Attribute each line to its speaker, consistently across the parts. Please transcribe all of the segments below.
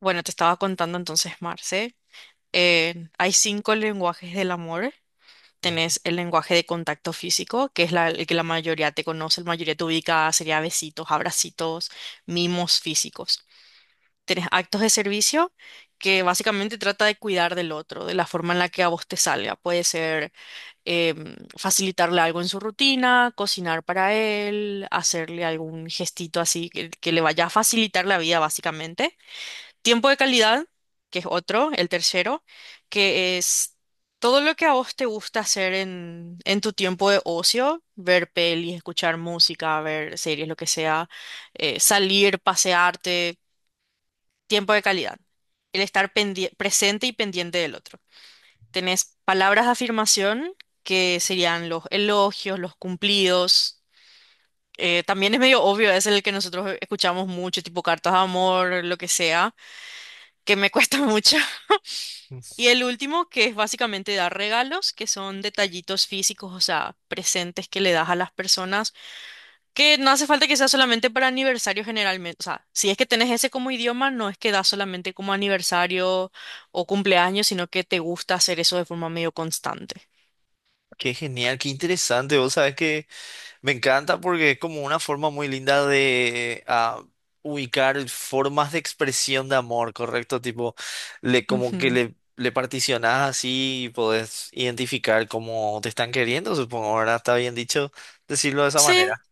Speaker 1: Bueno, te estaba contando entonces, Marce. Hay cinco lenguajes del amor.
Speaker 2: Ujú.
Speaker 1: Tenés el lenguaje de contacto físico, que es el que la mayoría te conoce, la mayoría te ubica, sería besitos, abracitos, mimos físicos. Tenés actos de servicio, que básicamente trata de cuidar del otro, de la forma en la que a vos te salga. Puede ser facilitarle algo en su rutina, cocinar para él, hacerle algún gestito así que le vaya a facilitar la vida, básicamente. Tiempo de calidad, que es otro, el tercero, que es todo lo que a vos te gusta hacer en tu tiempo de ocio, ver pelis, escuchar música, ver series, lo que sea, salir, pasearte, tiempo de calidad. El presente y pendiente del otro. Tenés palabras de afirmación, que serían los elogios, los cumplidos. También es medio obvio, es el que nosotros escuchamos mucho, tipo cartas de amor, lo que sea que me cuesta mucho. Y el último, que es básicamente dar regalos, que son detallitos físicos, o sea, presentes que le das a las personas, que no hace falta que sea solamente para aniversario generalmente. O sea, si es que tenés ese como idioma, no es que das solamente como aniversario o cumpleaños, sino que te gusta hacer eso de forma medio constante.
Speaker 2: Qué genial, qué interesante. Vos sabés que me encanta porque es como una forma muy linda de ubicar formas de expresión de amor, ¿correcto? Tipo, le, como que
Speaker 1: Ujú.
Speaker 2: le particionás así y podés identificar cómo te están queriendo, supongo. Ahora, ¿está bien dicho decirlo de esa
Speaker 1: Sí,
Speaker 2: manera,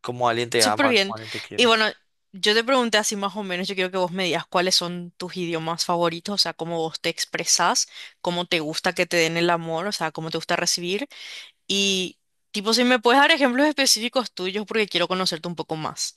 Speaker 2: como alguien te
Speaker 1: súper
Speaker 2: ama, como
Speaker 1: bien.
Speaker 2: alguien te
Speaker 1: Y
Speaker 2: quiere?
Speaker 1: bueno, yo te pregunté así más o menos, yo quiero que vos me digas cuáles son tus idiomas favoritos, o sea, cómo vos te expresás, cómo te gusta que te den el amor, o sea, cómo te gusta recibir. Y, tipo, si me puedes dar ejemplos específicos tuyos porque quiero conocerte un poco más.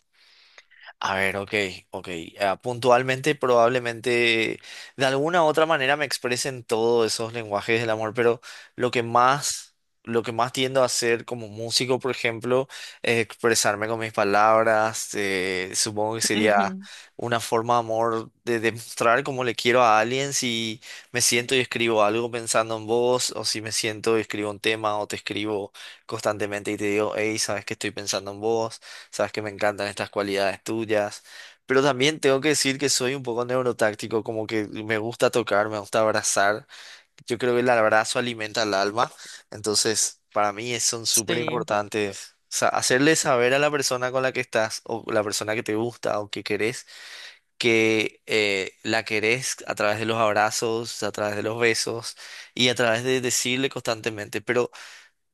Speaker 2: A ver, ok. Puntualmente, probablemente de alguna u otra manera me expresen todos esos lenguajes del amor, pero lo que más, lo que más tiendo a hacer como músico, por ejemplo, es expresarme con mis palabras. Supongo que sería
Speaker 1: Ujú.
Speaker 2: una forma de amor, de demostrar cómo le quiero a alguien, si me siento y escribo algo pensando en vos, o si me siento y escribo un tema, o te escribo constantemente y te digo, hey, sabes que estoy pensando en vos. Sabes que me encantan estas cualidades tuyas, pero también tengo que decir que soy un poco neurotáctico, como que me gusta tocar, me gusta abrazar. Yo creo que el abrazo alimenta el alma, entonces para mí son súper
Speaker 1: Sí.
Speaker 2: importantes. O sea, hacerle saber a la persona con la que estás, o la persona que te gusta o que querés, que la querés, a través de los abrazos, a través de los besos y a través de decirle constantemente. Pero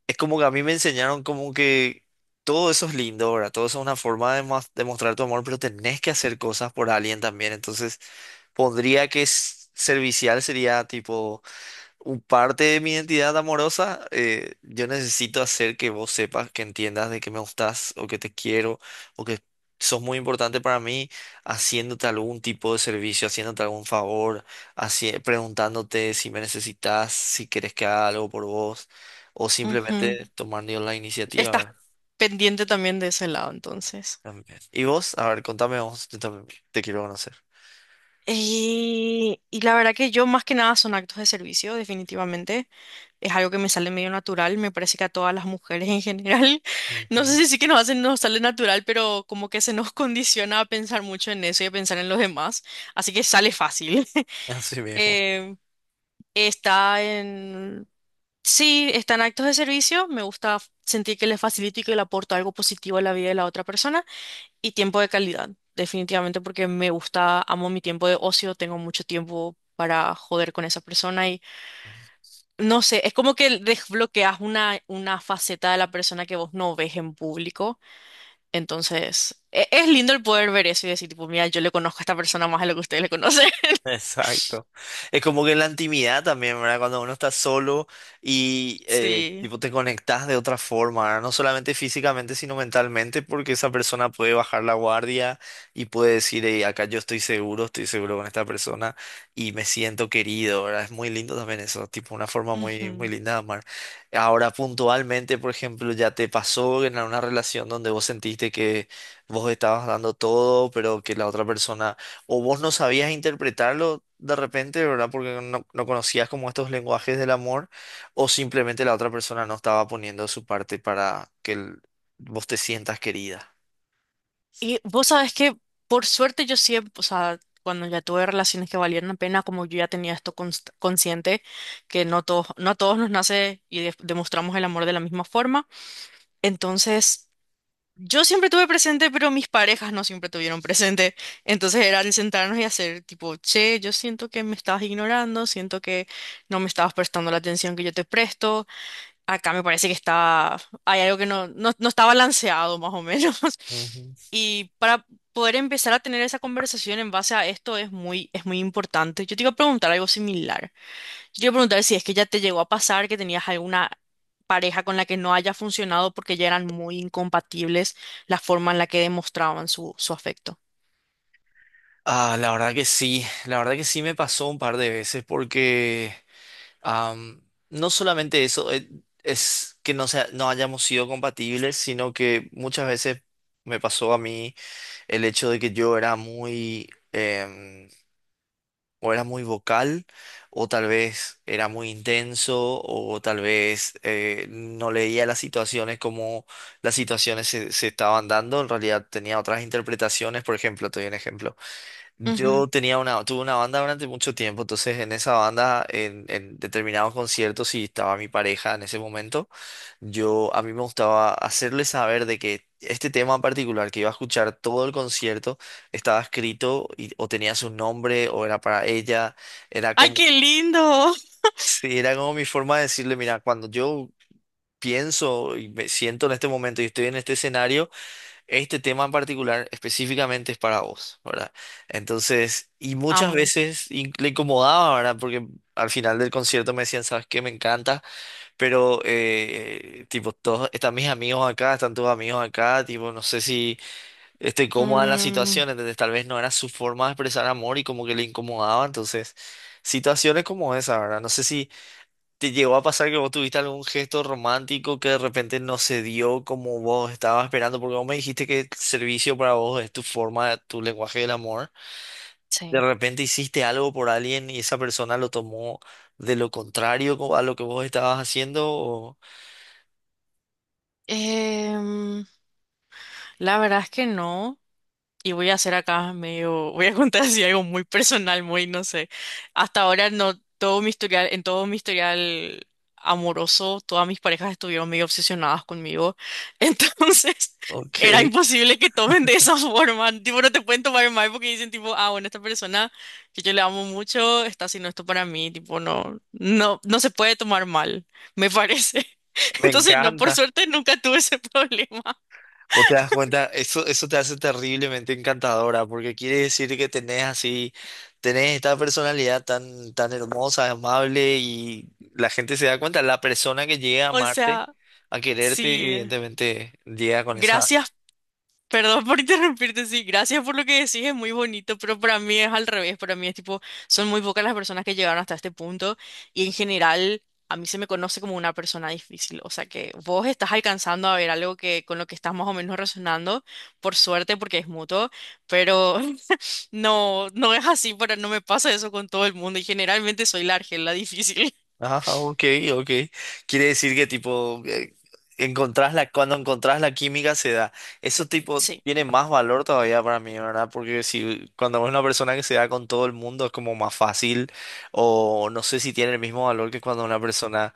Speaker 2: es como que a mí me enseñaron como que todo eso es lindo, ¿verdad? Todo eso es una forma de de mostrar tu amor, pero tenés que hacer cosas por alguien también. Entonces, pondría que servicial sería tipo un parte de mi identidad amorosa. Yo necesito hacer que vos sepas, que entiendas de que me gustás o que te quiero o que sos muy importante para mí, haciéndote algún tipo de servicio, haciéndote algún favor, preguntándote si me necesitas, si querés que haga algo por vos, o
Speaker 1: Ujú.
Speaker 2: simplemente tomando yo la iniciativa,
Speaker 1: Estás
Speaker 2: ¿verdad?
Speaker 1: pendiente también de ese lado, entonces.
Speaker 2: También. Y vos, a ver, contame vos, yo también te quiero conocer.
Speaker 1: Y la verdad que yo más que nada son actos de servicio, definitivamente. Es algo que me sale medio natural, me parece que a todas las mujeres en general, no sé
Speaker 2: Ujú.
Speaker 1: si sí que nos hacen, nos sale natural, pero como que se nos condiciona a pensar mucho en eso y a pensar en los demás, así que sale fácil.
Speaker 2: Así mismo.
Speaker 1: Eh, Está en. Sí, están actos de servicio, me gusta sentir que les facilito y que le aporto algo positivo a la vida de la otra persona y tiempo de calidad, definitivamente porque me gusta, amo mi tiempo de ocio, tengo mucho tiempo para joder con esa persona y no sé, es como que desbloqueas una faceta de la persona que vos no ves en público, entonces es lindo el poder ver eso y decir, tipo, mira, yo le conozco a esta persona más de lo que ustedes le conocen.
Speaker 2: Exacto. Es como que la intimidad también, ¿verdad? Cuando uno está solo y
Speaker 1: Sí.
Speaker 2: tipo, te conectas de otra forma, ¿verdad? No solamente físicamente, sino mentalmente, porque esa persona puede bajar la guardia y puede decir, "Ey, acá yo estoy seguro con esta persona y me siento querido", ¿verdad? Es muy lindo también eso, tipo una forma muy, muy
Speaker 1: Ujú.
Speaker 2: linda de amar. Ahora, puntualmente, por ejemplo, ¿ya te pasó en una relación donde vos sentiste que vos estabas dando todo, pero que la otra persona, o vos no sabías interpretarlo de repente, ¿verdad?, porque no conocías como estos lenguajes del amor, o simplemente la otra persona no estaba poniendo de su parte para que vos te sientas querida?
Speaker 1: Y vos sabés que, por suerte, yo siempre, o sea, cuando ya tuve relaciones que valieron la pena, como yo ya tenía esto consciente, que no todos, no a todos nos nace y demostramos el amor de la misma forma. Entonces, yo siempre tuve presente, pero mis parejas no siempre tuvieron presente. Entonces era el sentarnos y hacer tipo, che, yo siento que me estabas ignorando, siento que no me estabas prestando la atención que yo te presto. Acá me parece que está, hay algo que no está balanceado más o menos.
Speaker 2: Ujú.
Speaker 1: Y para poder empezar a tener esa conversación en base a esto es muy importante. Yo te iba a preguntar algo similar. Yo te iba a preguntar si es que ya te llegó a pasar que tenías alguna pareja con la que no haya funcionado porque ya eran muy incompatibles la forma en la que demostraban su afecto.
Speaker 2: La verdad que sí, la verdad que sí, me pasó un par de veces porque am, no solamente eso. Es que no, sea, no hayamos sido compatibles, sino que muchas veces me pasó a mí el hecho de que yo era muy... o era muy vocal, o tal vez era muy intenso, o tal vez, no leía las situaciones como las situaciones se, se estaban dando. En realidad tenía otras interpretaciones. Por ejemplo, te doy un ejemplo.
Speaker 1: Ujú.
Speaker 2: Tuve una banda durante mucho tiempo, entonces en esa banda, en determinados conciertos, si estaba mi pareja en ese momento, yo a mí me gustaba hacerle saber de que este tema en particular que iba a escuchar todo el concierto estaba escrito, y o tenía su nombre o era para ella. Era
Speaker 1: ¡Ay,
Speaker 2: como...
Speaker 1: qué lindo!
Speaker 2: sí, era como mi forma de decirle, mira, cuando yo pienso y me siento en este momento y estoy en este escenario, este tema en particular específicamente es para vos, ¿verdad? Entonces, y muchas
Speaker 1: Amo.
Speaker 2: veces le incomodaba, ¿verdad? Porque al final del concierto me decían, ¿sabes qué? Me encanta, pero, tipo, todos, están mis amigos acá, están tus amigos acá, tipo, no sé si estoy cómoda en la
Speaker 1: Mm,
Speaker 2: situación. Entonces tal vez no era su forma de expresar amor y como que le incomodaba. Entonces, situaciones como esa, ¿verdad? No sé si... ¿Te llegó a pasar que vos tuviste algún gesto romántico que de repente no se dio como vos estabas esperando? Porque vos me dijiste que el servicio para vos es tu forma, tu lenguaje del amor.
Speaker 1: sí.
Speaker 2: De repente hiciste algo por alguien y esa persona lo tomó de lo contrario a lo que vos estabas haciendo. O-
Speaker 1: Em, la verdad es que no. Y voy a hacer acá medio, voy a contar así algo muy personal, muy, no sé. Hasta ahora no, todo mi historial, en todo mi historial amoroso, todas mis parejas estuvieron medio obsesionadas conmigo. Entonces, era
Speaker 2: Ok.
Speaker 1: imposible que tomen de esa forma. Tipo, no te pueden tomar mal porque dicen tipo, ah, bueno, esta persona que yo le amo mucho está haciendo esto para mí. Tipo, no se puede tomar mal, me parece.
Speaker 2: Me
Speaker 1: Entonces, no, por
Speaker 2: encanta.
Speaker 1: suerte nunca tuve ese problema.
Speaker 2: Vos te das cuenta, eso te hace terriblemente encantadora, porque quiere decir que tenés así, tenés esta personalidad tan, tan hermosa, amable, y la gente se da cuenta. La persona que llega a
Speaker 1: O
Speaker 2: amarte,
Speaker 1: sea,
Speaker 2: a quererte,
Speaker 1: sí.
Speaker 2: evidentemente llega con esa...
Speaker 1: Gracias. Perdón por interrumpirte, sí, gracias por lo que decís, es muy bonito, pero para mí es al revés, para mí es tipo, son muy pocas las personas que llegaron hasta este punto y en general a mí se me conoce como una persona difícil, o sea que vos estás alcanzando a ver algo que con lo que estás más o menos resonando, por suerte porque es mutuo, pero no, no es así, para, no me pasa eso con todo el mundo y generalmente soy la argel, la difícil.
Speaker 2: Ajá, ok. Quiere decir que tipo, encontrás la, cuando encontrás la química, se da. Eso tipo
Speaker 1: Sí,
Speaker 2: tiene más valor todavía para mí, ¿verdad? Porque si cuando es una persona que se da con todo el mundo es como más fácil, o no sé si tiene el mismo valor que cuando una persona,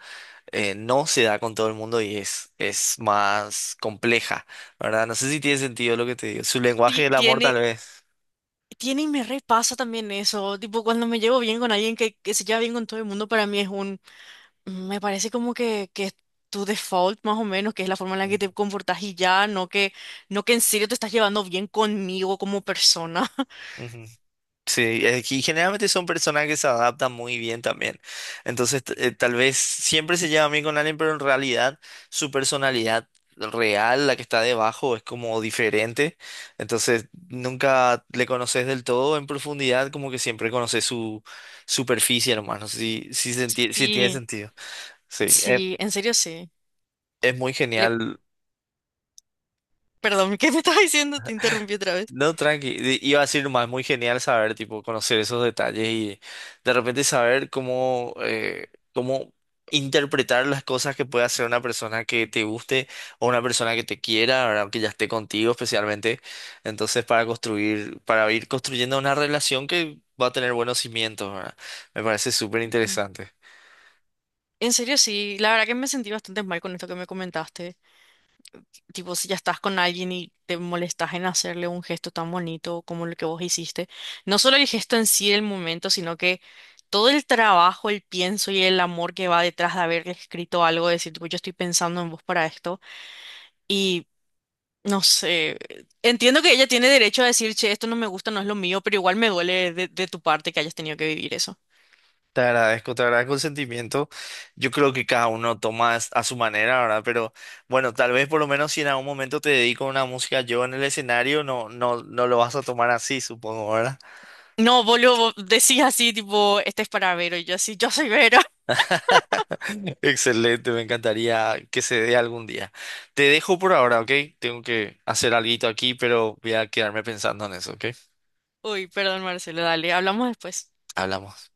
Speaker 2: no se da con todo el mundo y es más compleja, ¿verdad? No sé si tiene sentido lo que te digo. Su lenguaje del amor, tal
Speaker 1: tiene,
Speaker 2: vez.
Speaker 1: tiene y me repasa también eso. Tipo, cuando me llevo bien con alguien que se lleva bien con todo el mundo, para mí es un. Me parece como que es tu default más o menos, que es la forma en la que te comportas y ya, no que en serio te estás llevando bien conmigo como persona.
Speaker 2: Ujú. Sí, es, generalmente son personas que se adaptan muy bien también. Entonces, tal vez siempre se lleva bien con alguien, pero en realidad su personalidad real, la que está debajo, es como diferente. Entonces, nunca le conoces del todo en profundidad, como que siempre conoces su superficie, hermano. Sí, sí, sí tiene
Speaker 1: Sí.
Speaker 2: sentido. Sí,
Speaker 1: Sí, en serio sí.
Speaker 2: es muy
Speaker 1: Le-
Speaker 2: genial.
Speaker 1: Perdón, ¿qué me estás diciendo? Te interrumpí otra vez.
Speaker 2: No, tranqui. Iba a decir más, muy genial saber, tipo, conocer esos detalles y de repente saber cómo interpretar las cosas que puede hacer una persona que te guste o una persona que te quiera, ¿verdad? Que ya esté contigo especialmente. Entonces, para construir, para ir construyendo una relación que va a tener buenos cimientos, ¿verdad? Me parece súper
Speaker 1: Ujú.
Speaker 2: interesante.
Speaker 1: En serio sí, la verdad que me sentí bastante mal con esto que me comentaste. Tipo, si ya estás con alguien y te molestas en hacerle un gesto tan bonito como el que vos hiciste, no solo el gesto en sí del momento, sino que todo el trabajo, el pienso y el amor que va detrás de haberle escrito algo, decir, tipo, yo estoy pensando en vos para esto. Y no sé, entiendo que ella tiene derecho a decir, che, esto no me gusta, no es lo mío, pero igual me duele de tu parte que hayas tenido que vivir eso.
Speaker 2: Te agradezco el sentimiento. Yo creo que cada uno toma a su manera, ¿verdad? Pero bueno, tal vez por lo menos si en algún momento te dedico a una música yo en el escenario, no lo vas a tomar así, supongo, ¿verdad?
Speaker 1: No, boludo, decís así, tipo, este es para Vero, y yo así, yo soy Vero.
Speaker 2: Excelente, me encantaría que se dé algún día. Te dejo por ahora, ¿ok? Tengo que hacer alguito aquí, pero voy a quedarme pensando en eso, ¿ok?
Speaker 1: Uy, perdón, Marcelo, dale, hablamos después.
Speaker 2: Hablamos.